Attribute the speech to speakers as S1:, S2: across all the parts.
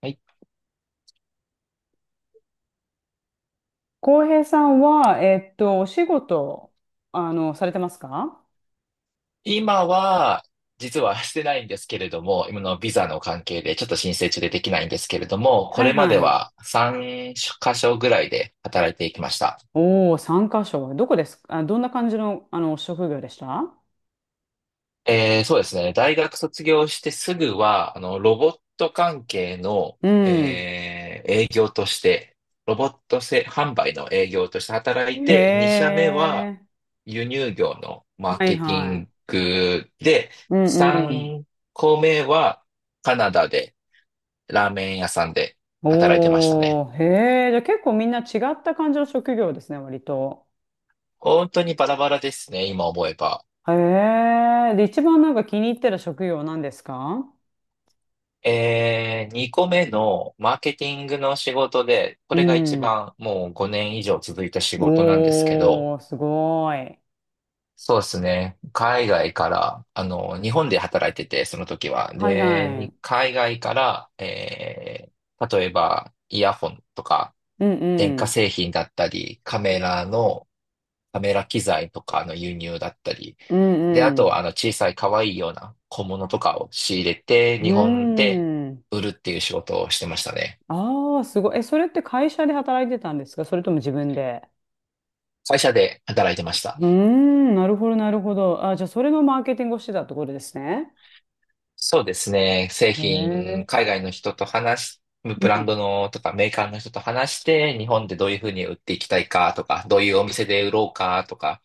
S1: はい。
S2: 浩平さんは、お仕事、されてますか？
S1: 今は、実はしてないんですけれども、今のビザの関係でちょっと申請中でできないんですけれども、こ
S2: はい
S1: れま
S2: は
S1: で
S2: い。
S1: は3箇所ぐらいで働いていきました。
S2: おおー、3カ所。どこですかあ、どんな感じの、職業でした？
S1: そうですね。大学卒業してすぐは、ロボット関係の、
S2: うん。
S1: 営業として、ロボット製販売の営業として働い
S2: へ
S1: て、2社目は
S2: え。
S1: 輸入業のマー
S2: はい
S1: ケティ
S2: は
S1: ングで、
S2: い。うんうん。
S1: 3個目はカナダで、ラーメン屋さんで働いてましたね。
S2: おー、へえ。じゃあ結構みんな違った感じの職業ですね、割と。
S1: 本当にバラバラですね、今思えば。
S2: へえ。で、一番なんか気に入ってる職業なんですか？
S1: 2個目のマーケティングの仕事で、こ
S2: う
S1: れが一
S2: ん。
S1: 番もう5年以上続いた仕事なんですけ
S2: お
S1: ど、
S2: お、すごい。
S1: そうですね。海外から、日本で働いてて、その時は。
S2: はい
S1: で、
S2: は
S1: に
S2: い。
S1: 海外から、例えば、イヤホンとか、
S2: うん
S1: 電
S2: う
S1: 化
S2: ん。
S1: 製品だったり、カメラ機材とかの輸入だったり、
S2: う
S1: で、あ
S2: んう
S1: とは
S2: ん。
S1: 小さい可愛いような小物とかを仕入れて、
S2: う
S1: 日本で
S2: ーん。
S1: 売るっていう仕事をしてましたね。
S2: ああ、すごい。え、それって会社で働いてたんですか、それとも自分で？
S1: 会社で働いてました。
S2: うーん、なるほど、なるほど。あ、じゃあ、それのマーケティングをしてたところですね。
S1: そうですね。製
S2: へ
S1: 品、
S2: え、
S1: 海外の人と話し、
S2: う
S1: ブラン
S2: ん、
S1: ドのとかメーカーの人と話して、日本でどういうふうに売っていきたいかとか、どういうお店で売ろうかとか、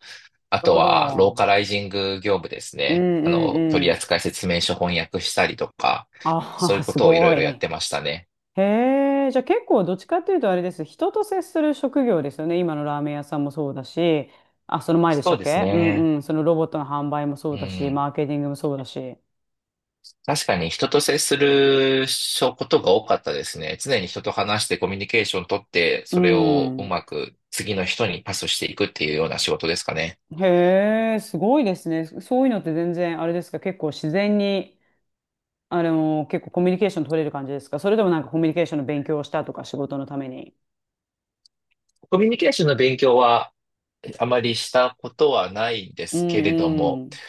S1: あ
S2: なる
S1: と
S2: ほ
S1: は、ロー
S2: ど。
S1: カライジング業務です
S2: うん
S1: ね。
S2: うんう
S1: 取
S2: ん。
S1: 扱説明書翻訳したりとか、そう
S2: あ
S1: い
S2: あ、
S1: うこ
S2: す
S1: とをいろ
S2: ご
S1: い
S2: い。
S1: ろやっ
S2: へ
S1: てましたね。
S2: え、じゃあ結構どっちかっていうとあれです。人と接する職業ですよね。今のラーメン屋さんもそうだし、あ、その前でした
S1: そう
S2: っ
S1: です
S2: け？うん
S1: ね。
S2: うん。そのロボットの販売もそ
S1: う
S2: うだし、
S1: ん。
S2: マーケティングもそうだし。
S1: 確かに人と接することが多かったですね。常に人と話してコミュニケーション取って、
S2: う
S1: それをう
S2: ん。
S1: まく次の人にパスしていくっていうような仕事ですかね。
S2: へえ、すごいですね。そういうのって全然、あれですか、結構自然に、結構コミュニケーション取れる感じですか、それともなんかコミュニケーションの勉強をしたとか、仕事のために？
S1: コミュニケーションの勉強はあまりしたことはないで
S2: う
S1: すけれど
S2: ん
S1: も、
S2: うん。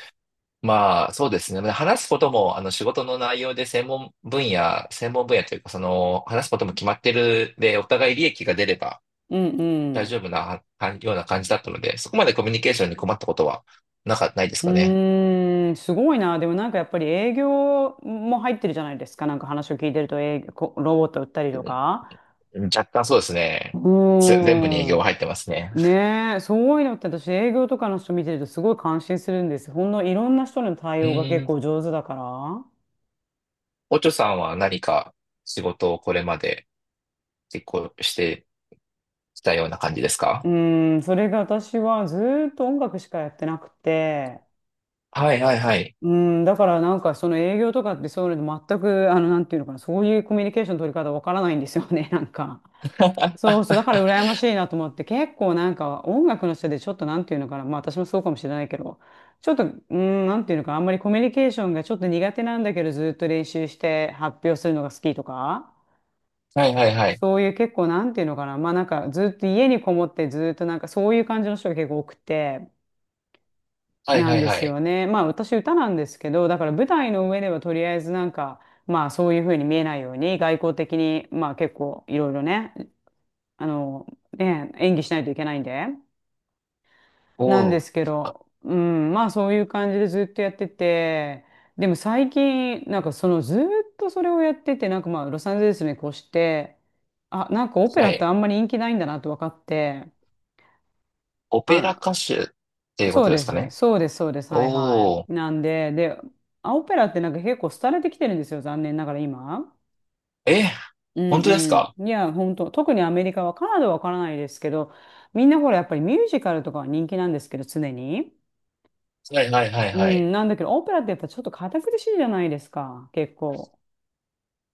S1: まあ、そうですね。話すことも、仕事の内容で専門分野というか、話すことも決まってるで、お互い利益が出れば
S2: うんう
S1: 大丈
S2: ん。
S1: 夫なはような感じだったので、そこまでコミュニケーションに困ったことはないです
S2: う
S1: かね。
S2: ーん、すごいな。でもなんかやっぱり営業も入ってるじゃないですか。なんか話を聞いてると営業、こロボット売ったりとか。
S1: うん。若干そうです
S2: う
S1: ね。全部に営
S2: ー
S1: 業が
S2: ん。
S1: 入ってますね。
S2: ねえ、そういうのって私営業とかの人見てるとすごい感心するんです。ほんのいろんな人の対
S1: う
S2: 応が結
S1: ん。
S2: 構上手だから。
S1: おちょさんは何か仕事をこれまで結構してきたような感じですか？
S2: うん、それが私はずーっと音楽しかやってなくて、
S1: はいはいはい。
S2: うん、だからなんかその営業とかってそういうの全く、なんていうのかな、そういうコミュニケーションの取り方わからないんですよね、なんか。そうそう、だから羨ましいなと思って、結構なんか音楽の人でちょっとなんていうのかな、まあ私もそうかもしれないけど、ちょっと、うん、なんていうのかな、あんまりコミュニケーションがちょっと苦手なんだけど、ずーっと練習して発表するのが好きとか。
S1: はいはいはい。
S2: そういう結構なんていうのかな、まあなんかずっと家にこもってずっとなんかそういう感じの人が結構多くて、
S1: はい
S2: な
S1: は
S2: ん
S1: い
S2: で
S1: は
S2: す
S1: い。
S2: よね。まあ私歌なんですけど、だから舞台の上ではとりあえずなんか、まあそういうふうに見えないように外交的に、まあ結構いろいろね、あの、ね、演技しないといけないんで、
S1: お
S2: なんです
S1: ー。
S2: けど、うん、まあそういう感じでずっとやってて、でも最近、なんかそのずっとそれをやってて、なんかまあロサンゼルスに越して、あ、なんかオペ
S1: は
S2: ラって
S1: い。
S2: あんまり人気ないんだなと分かって、
S1: オペラ歌
S2: あ、
S1: 手っていうこ
S2: そう
S1: とで
S2: で
S1: すか
S2: す。
S1: ね。
S2: そうです。そうです。はいは
S1: おー。
S2: い。なんで、で、あオペラってなんか結構廃れてきてるんですよ。残念ながら今。
S1: え、
S2: う
S1: 本
S2: ん
S1: 当ですか？
S2: うん。いや、本当、特にアメリカは、カナダはわからないですけど、みんなほら、やっぱりミュージカルとかは人気なんですけど、常に。
S1: はいはいはい
S2: う
S1: はい。
S2: ん、なんだけど、オペラってやっぱちょっと堅苦しいじゃないですか、結構。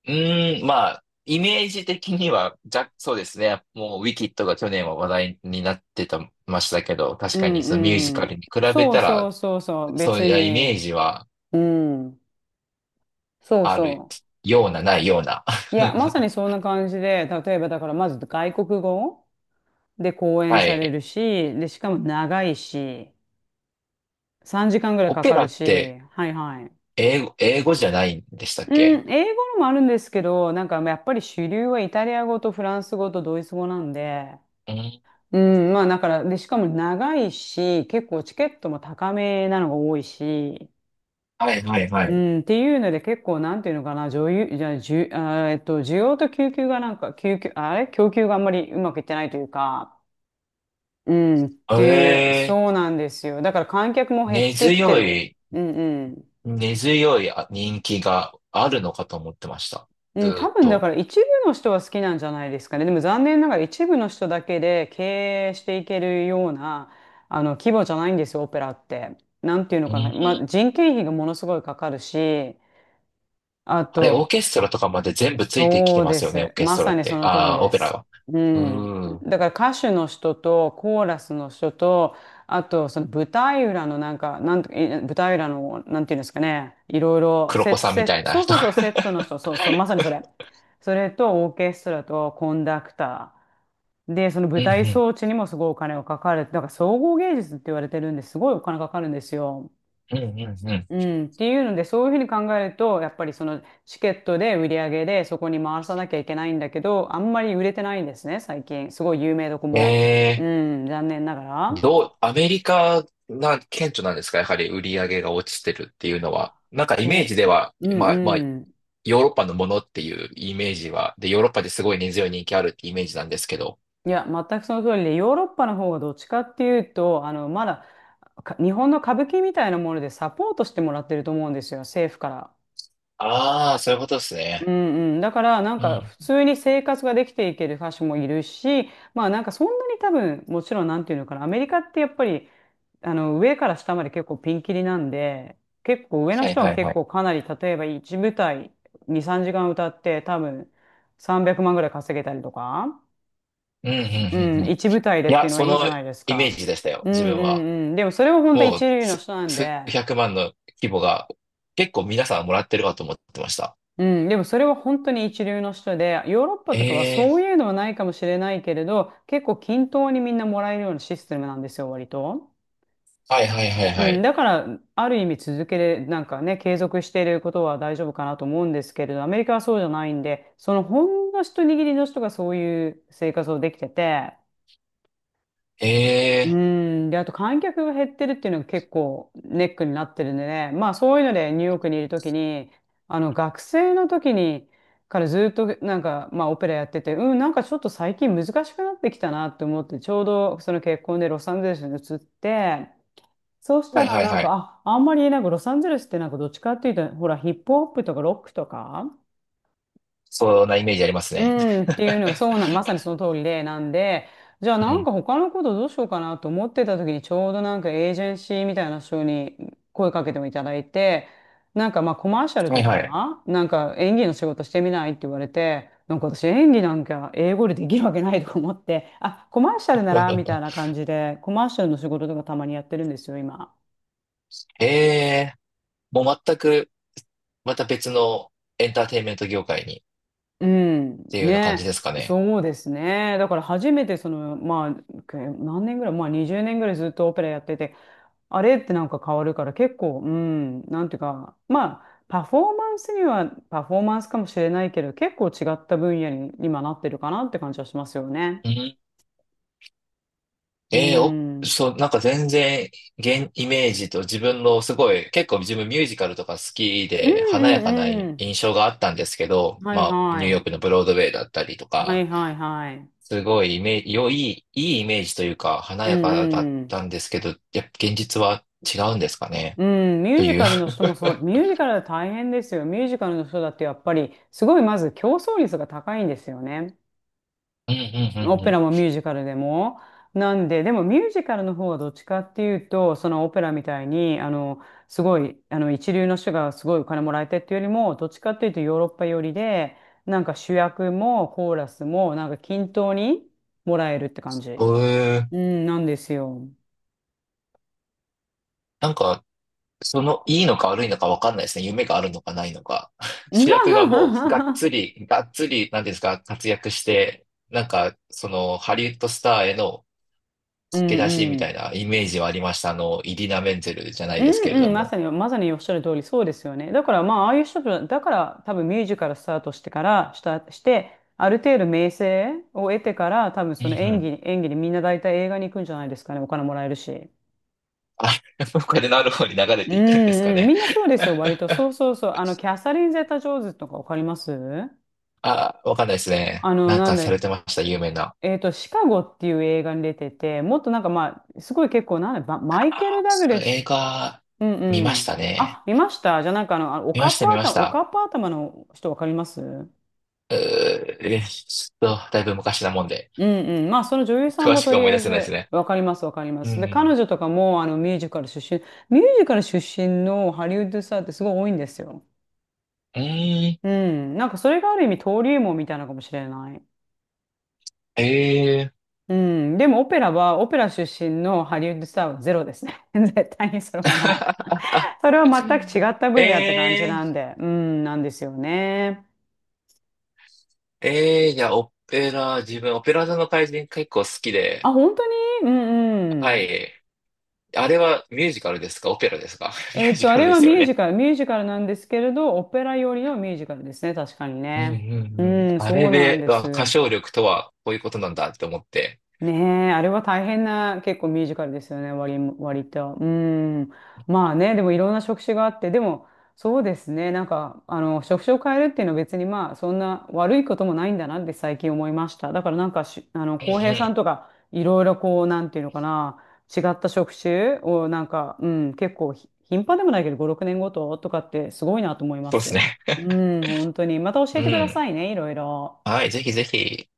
S1: うーん、まあ、イメージ的には、じゃ、そうですね。もう、ウィキッドが去年は話題になってた、ましたけど、確
S2: う
S1: かにそのミュージ
S2: んう
S1: カル
S2: ん。
S1: に比べ
S2: そう
S1: た
S2: そ
S1: ら、
S2: うそうそう、
S1: そう
S2: 別
S1: いうイメー
S2: に。
S1: ジは
S2: うん。そう
S1: ある
S2: そ
S1: ような、ないような。
S2: う。いや、まさに そんな感じで、例えばだから、まず外国語。で、講
S1: は
S2: 演され
S1: い。
S2: るし、で、しかも長いし、3時間ぐらい
S1: オ
S2: か
S1: ペ
S2: か
S1: ラ
S2: る
S1: っ
S2: し、
S1: て
S2: はいはい。
S1: 英語じゃないんでしたっ
S2: う
S1: け？
S2: ん、英語のもあるんですけど、なんかやっぱり主流はイタリア語とフランス語とドイツ語なんで、
S1: うん。
S2: うん、まあだから、で、しかも長いし、結構チケットも高めなのが多いし、
S1: はいはいは
S2: う
S1: い。
S2: ん、っていうので結構なんていうのかな、女優、じゃあ、じゅ、あー、需要と供給がなんか、供給、あれ供給があんまりうまくいってないというか、うん、っ
S1: え
S2: ていう、
S1: え、
S2: そうなんですよ。だから観客も減っ
S1: 根
S2: てきて
S1: 強
S2: る。
S1: い
S2: うんうん。
S1: 根強い人気があるのかと思ってました。ず
S2: うん、
S1: ー
S2: 多
S1: っ
S2: 分だか
S1: と。
S2: ら一部の人は好きなんじゃないですかね。でも残念ながら一部の人だけで経営していけるような、規模じゃないんですよ、オペラって。なんていうの
S1: う
S2: かな。まあ、
S1: ん。
S2: 人件費がものすごいかかるし、あ
S1: あれ、オー
S2: と、
S1: ケストラとかまで全部ついてき
S2: そ
S1: て
S2: う
S1: ま
S2: で
S1: すよね、オー
S2: す。
S1: ケス
S2: ま
S1: トラ
S2: さ
S1: っ
S2: にそ
S1: て。
S2: の通り
S1: ああ、
S2: で
S1: オペラ
S2: す。
S1: は。
S2: う
S1: う
S2: ん。
S1: ーん。
S2: だから歌手の人とコーラスの人と、あとその舞台裏のなんか、なんとか、い舞台裏の、なんていうんですかね、いろいろ、
S1: 黒
S2: セ
S1: 子
S2: ット、
S1: さん
S2: セ
S1: みた
S2: ッ
S1: い
S2: ト、
S1: な
S2: そうそ
S1: 人。
S2: う そう、セットの人、そうそう、まさにそれ。それとオーケストラとコンダクター。で、その
S1: う
S2: 舞
S1: んう
S2: 台
S1: ん。
S2: 装置にもすごいお金がかかる。だから総合芸術って言われてるんですごいお金かかるんですよ。
S1: うんうんうん。
S2: うん、っていうので、そういうふうに考えると、やっぱりそのチケットで売り上げでそこに回さなきゃいけないんだけど、あんまり売れてないんですね、最近。すごい有名どこ も。う
S1: え
S2: ん、残念ながら。
S1: アメリカが顕著なんですか？やはり売り上げが落ちてるっていうのは。なんかイメー
S2: そ
S1: ジでは、
S2: う。う
S1: まあまあ、
S2: んうん。
S1: ヨーロッパのものっていうイメージは、で、ヨーロッパですごい根強い人気あるってイメージなんですけど。
S2: いや、全くその通りで、ヨーロッパの方がどっちかっていうと、まだ、か日本の歌舞伎みたいなものでサポートしてもらってると思うんですよ、政府から。
S1: ああ、そういうことです
S2: う
S1: ね。
S2: んうん、だからなん
S1: う
S2: か
S1: ん。
S2: 普通に生活ができていける歌手もいる。し、まあなんかそんなに多分もちろんなんていうのかな、アメリカってやっぱり上から下まで結構ピンキリなんで、結構上の
S1: はい
S2: 人は
S1: はい
S2: 結
S1: はい。
S2: 構かなり、例えば1舞台2、3時間歌って多分300万ぐらい稼げたりとか、
S1: うん、うん、
S2: う
S1: うん、う
S2: ん、
S1: ん。い
S2: 1舞台でってい
S1: や、
S2: うのは
S1: そ
S2: いいじ
S1: の
S2: ゃないです
S1: イメー
S2: か。
S1: ジでしたよ、
S2: うん
S1: 自分
S2: う
S1: は。
S2: んうん、でもそれは本当
S1: も
S2: 一
S1: う、
S2: 流の人なんで。
S1: 数百万の規模が、結構皆さんもらってるかと思ってました。
S2: うん、でもそれは本当に一流の人で、ヨーロッパとかは
S1: え
S2: そ
S1: え
S2: ういうのはないかもしれないけれど、結構均等にみんなもらえるようなシステムなんですよ、割と。
S1: ーはいはいはい
S2: う
S1: は
S2: ん、
S1: い。
S2: だから、ある意味続けれ、なんかね、継続していることは大丈夫かなと思うんですけれど、アメリカはそうじゃないんで、そのほんの一握りの人がそういう生活をできてて、う
S1: ええ
S2: ん。で、あと観客が減ってるっていうのが結構ネックになってるんでね。まあそういうので、ニューヨークにいるときに、学生のときにからずっとまあオペラやってて、うん、なんかちょっと最近難しくなってきたなって思って、ちょうどその結婚でロサンゼルスに移って、そうし
S1: ー
S2: た
S1: はい
S2: ら
S1: はい
S2: なん
S1: はい。
S2: か、あ、あんまりなんかロサンゼルスってなんかどっちかっていうと、ほらヒップホップとかロックとか、
S1: そんなイメージあります
S2: う
S1: ね。
S2: ん、っていうのが、そうなまさにその通りで、なんで、じゃあ
S1: う
S2: なん
S1: ん。
S2: か他のことどうしようかなと思ってた時に、ちょうどなんかエージェンシーみたいな人に声かけてもいただいて、なんかまあコマーシャル
S1: はい
S2: と
S1: はい。
S2: か、なんか演技の仕事してみないって言われて、なんか私演技なんか英語でできるわけないとか思って、あ、コマーシャルならみたいな 感じで、コマーシャルの仕事とかたまにやってるんですよ、今。
S1: ええーもう全く、また別のエンターテインメント業界にっ
S2: うん、
S1: ていうような感じ
S2: ね、
S1: ですかね。
S2: そうですね。だから初めてその、まあ、け何年ぐらい、まあ20年ぐらいずっとオペラやってて、あれってなんか変わるから結構、うん、なんていうか、まあ、パフォーマンスにはパフォーマンスかもしれないけど、結構違った分野に今なってるかなって感じはしますよね。
S1: うーん、
S2: うん。
S1: ええお、
S2: うん
S1: そう、なんか全然、イメージと自分のすごい、結構自分ミュージカルとか好き
S2: う
S1: で、華やかな
S2: んうん。
S1: 印象があったんですけど、
S2: はい
S1: まあ、ニ
S2: は
S1: ューヨー
S2: い。
S1: クのブロードウェイだったりと
S2: は
S1: か、
S2: いはいはい。
S1: すごいイメージ、いいイメージというか、華
S2: う
S1: やかだっ
S2: ん
S1: たんですけど、やっぱ現実は違うんですかね、
S2: うん、ミュー
S1: と
S2: ジ
S1: いう。
S2: カルの人もそう、ミュージカルは大変ですよ。ミュージカルの人だってやっぱり、すごいまず競争率が高いんですよね。
S1: うん、うん、
S2: オ
S1: うん、う
S2: ペ
S1: ん。
S2: ラもミュージカルでも。なんで、でもミュージカルの方はどっちかっていうと、そのオペラみたいに、すごい、一流の人がすごいお金もらえてっていうよりも、どっちかっていうとヨーロッパ寄りで、なんか主役もコーラスも、なんか均等にもらえるって感じ。
S1: うーん。
S2: うん、なんですよ。
S1: なんか、いいのか悪いのか分かんないですね。夢があるのかないのか。主役がもう、がっ つり、がっつり、なんていうんですか、活躍して、なんか、ハリウッドスターへの
S2: う
S1: 駆
S2: ん
S1: け出しみ
S2: う
S1: たい
S2: ん
S1: なイメージはありました。イリナ・メンゼルじゃない
S2: う
S1: ですけれ
S2: んう
S1: ど
S2: ん、まさ
S1: も。
S2: に、まさにおっしゃる通り、そうですよね。だから、まあ、ああいう人たち、だから、多分ミュージカルスタートしてから、した、して、ある程度名声を得てから、多分
S1: うん
S2: その
S1: う
S2: 演
S1: ん。
S2: 技、演技でみんな大体映画に行くんじゃないですかね。お金もらえるし。
S1: あ、これのある方に流れ
S2: う
S1: ていくんですか
S2: んうん、み
S1: ね。
S2: んなそうですよ、割と。そうそうそう。キャサリン・ゼタ・ジョーンズとかわかります
S1: あ、わかんないですね。
S2: あの、
S1: なん
S2: なん
S1: かさ
S2: だ、
S1: れてました、有名な。
S2: シカゴっていう映画に出てて、もっとなんかまあ、すごい結構、なんだ、ばマイケル・ダグラ
S1: 映
S2: ス
S1: 画、
S2: うん
S1: 見
S2: う
S1: まし
S2: ん。
S1: たね。
S2: あ、見ました。じゃあなんかあの、あのお
S1: 見ま
S2: か
S1: し
S2: っ
S1: た、
S2: ぱ
S1: 見まし
S2: 頭、お
S1: た。
S2: かっぱ頭の人わかりますう
S1: うー、えーちょっと、だいぶ昔なもんで、
S2: んうん。まあその女優さん
S1: 詳
S2: も
S1: し
S2: と
S1: く
S2: り
S1: 思い
S2: あ
S1: 出
S2: え
S1: せないです
S2: ず
S1: ね。
S2: わかりますわかりま
S1: う
S2: す。で、彼
S1: ん。
S2: 女とかもあのミュージカル出身、ミュージカル出のハリウッドスターってすごい多いんですよ。
S1: うん。
S2: うん。なんかそれがある意味登竜門みたいなのかもしれない。
S1: えー。
S2: うん。でもオペラは、オペラ出身のハリウッドスターはゼロですね。絶対にそれはない。それは全く違った分野って感じ
S1: え
S2: な
S1: ー。
S2: んで、うん、なんですよね。
S1: えー。いや、オペラ、自分、オペラ座の怪人結構好き
S2: あ、
S1: で。
S2: 本当にうん
S1: は
S2: うん。
S1: い。あれはミュージカルですか、オペラですか？ ミュージ
S2: あ
S1: カル
S2: れ
S1: で
S2: は
S1: す
S2: ミ
S1: よ
S2: ュー
S1: ね。
S2: ジカル、ミュージカルなんですけれど、オペラよりのミュージカルですね、確かに
S1: うんう
S2: ね。う
S1: んうん。
S2: ん、
S1: あ
S2: そ
S1: れ
S2: うなん
S1: で
S2: で
S1: は歌
S2: す。
S1: 唱力とはこういうことなんだって思って。
S2: ねえ、あれは大変な結構ミュージカルですよね、割も、割と。うん。まあね、でもいろんな職種があって、でもそうですね、なんか、職種を変えるっていうのは別にまあ、そんな悪いこともないんだなって最近思いました。だからなんかし、
S1: うんう
S2: 浩平さん
S1: ん。
S2: とか、いろいろこう、なんていうのかな、違った職種をなんか、うん、結構ひ頻繁でもないけど、5、6年ごととかってすごいなと思いま
S1: そうです
S2: す。
S1: ね。
S2: うん、本当に。また教え
S1: う
S2: てくださ
S1: ん。
S2: いね、いろいろ。
S1: はい、ぜひぜひ。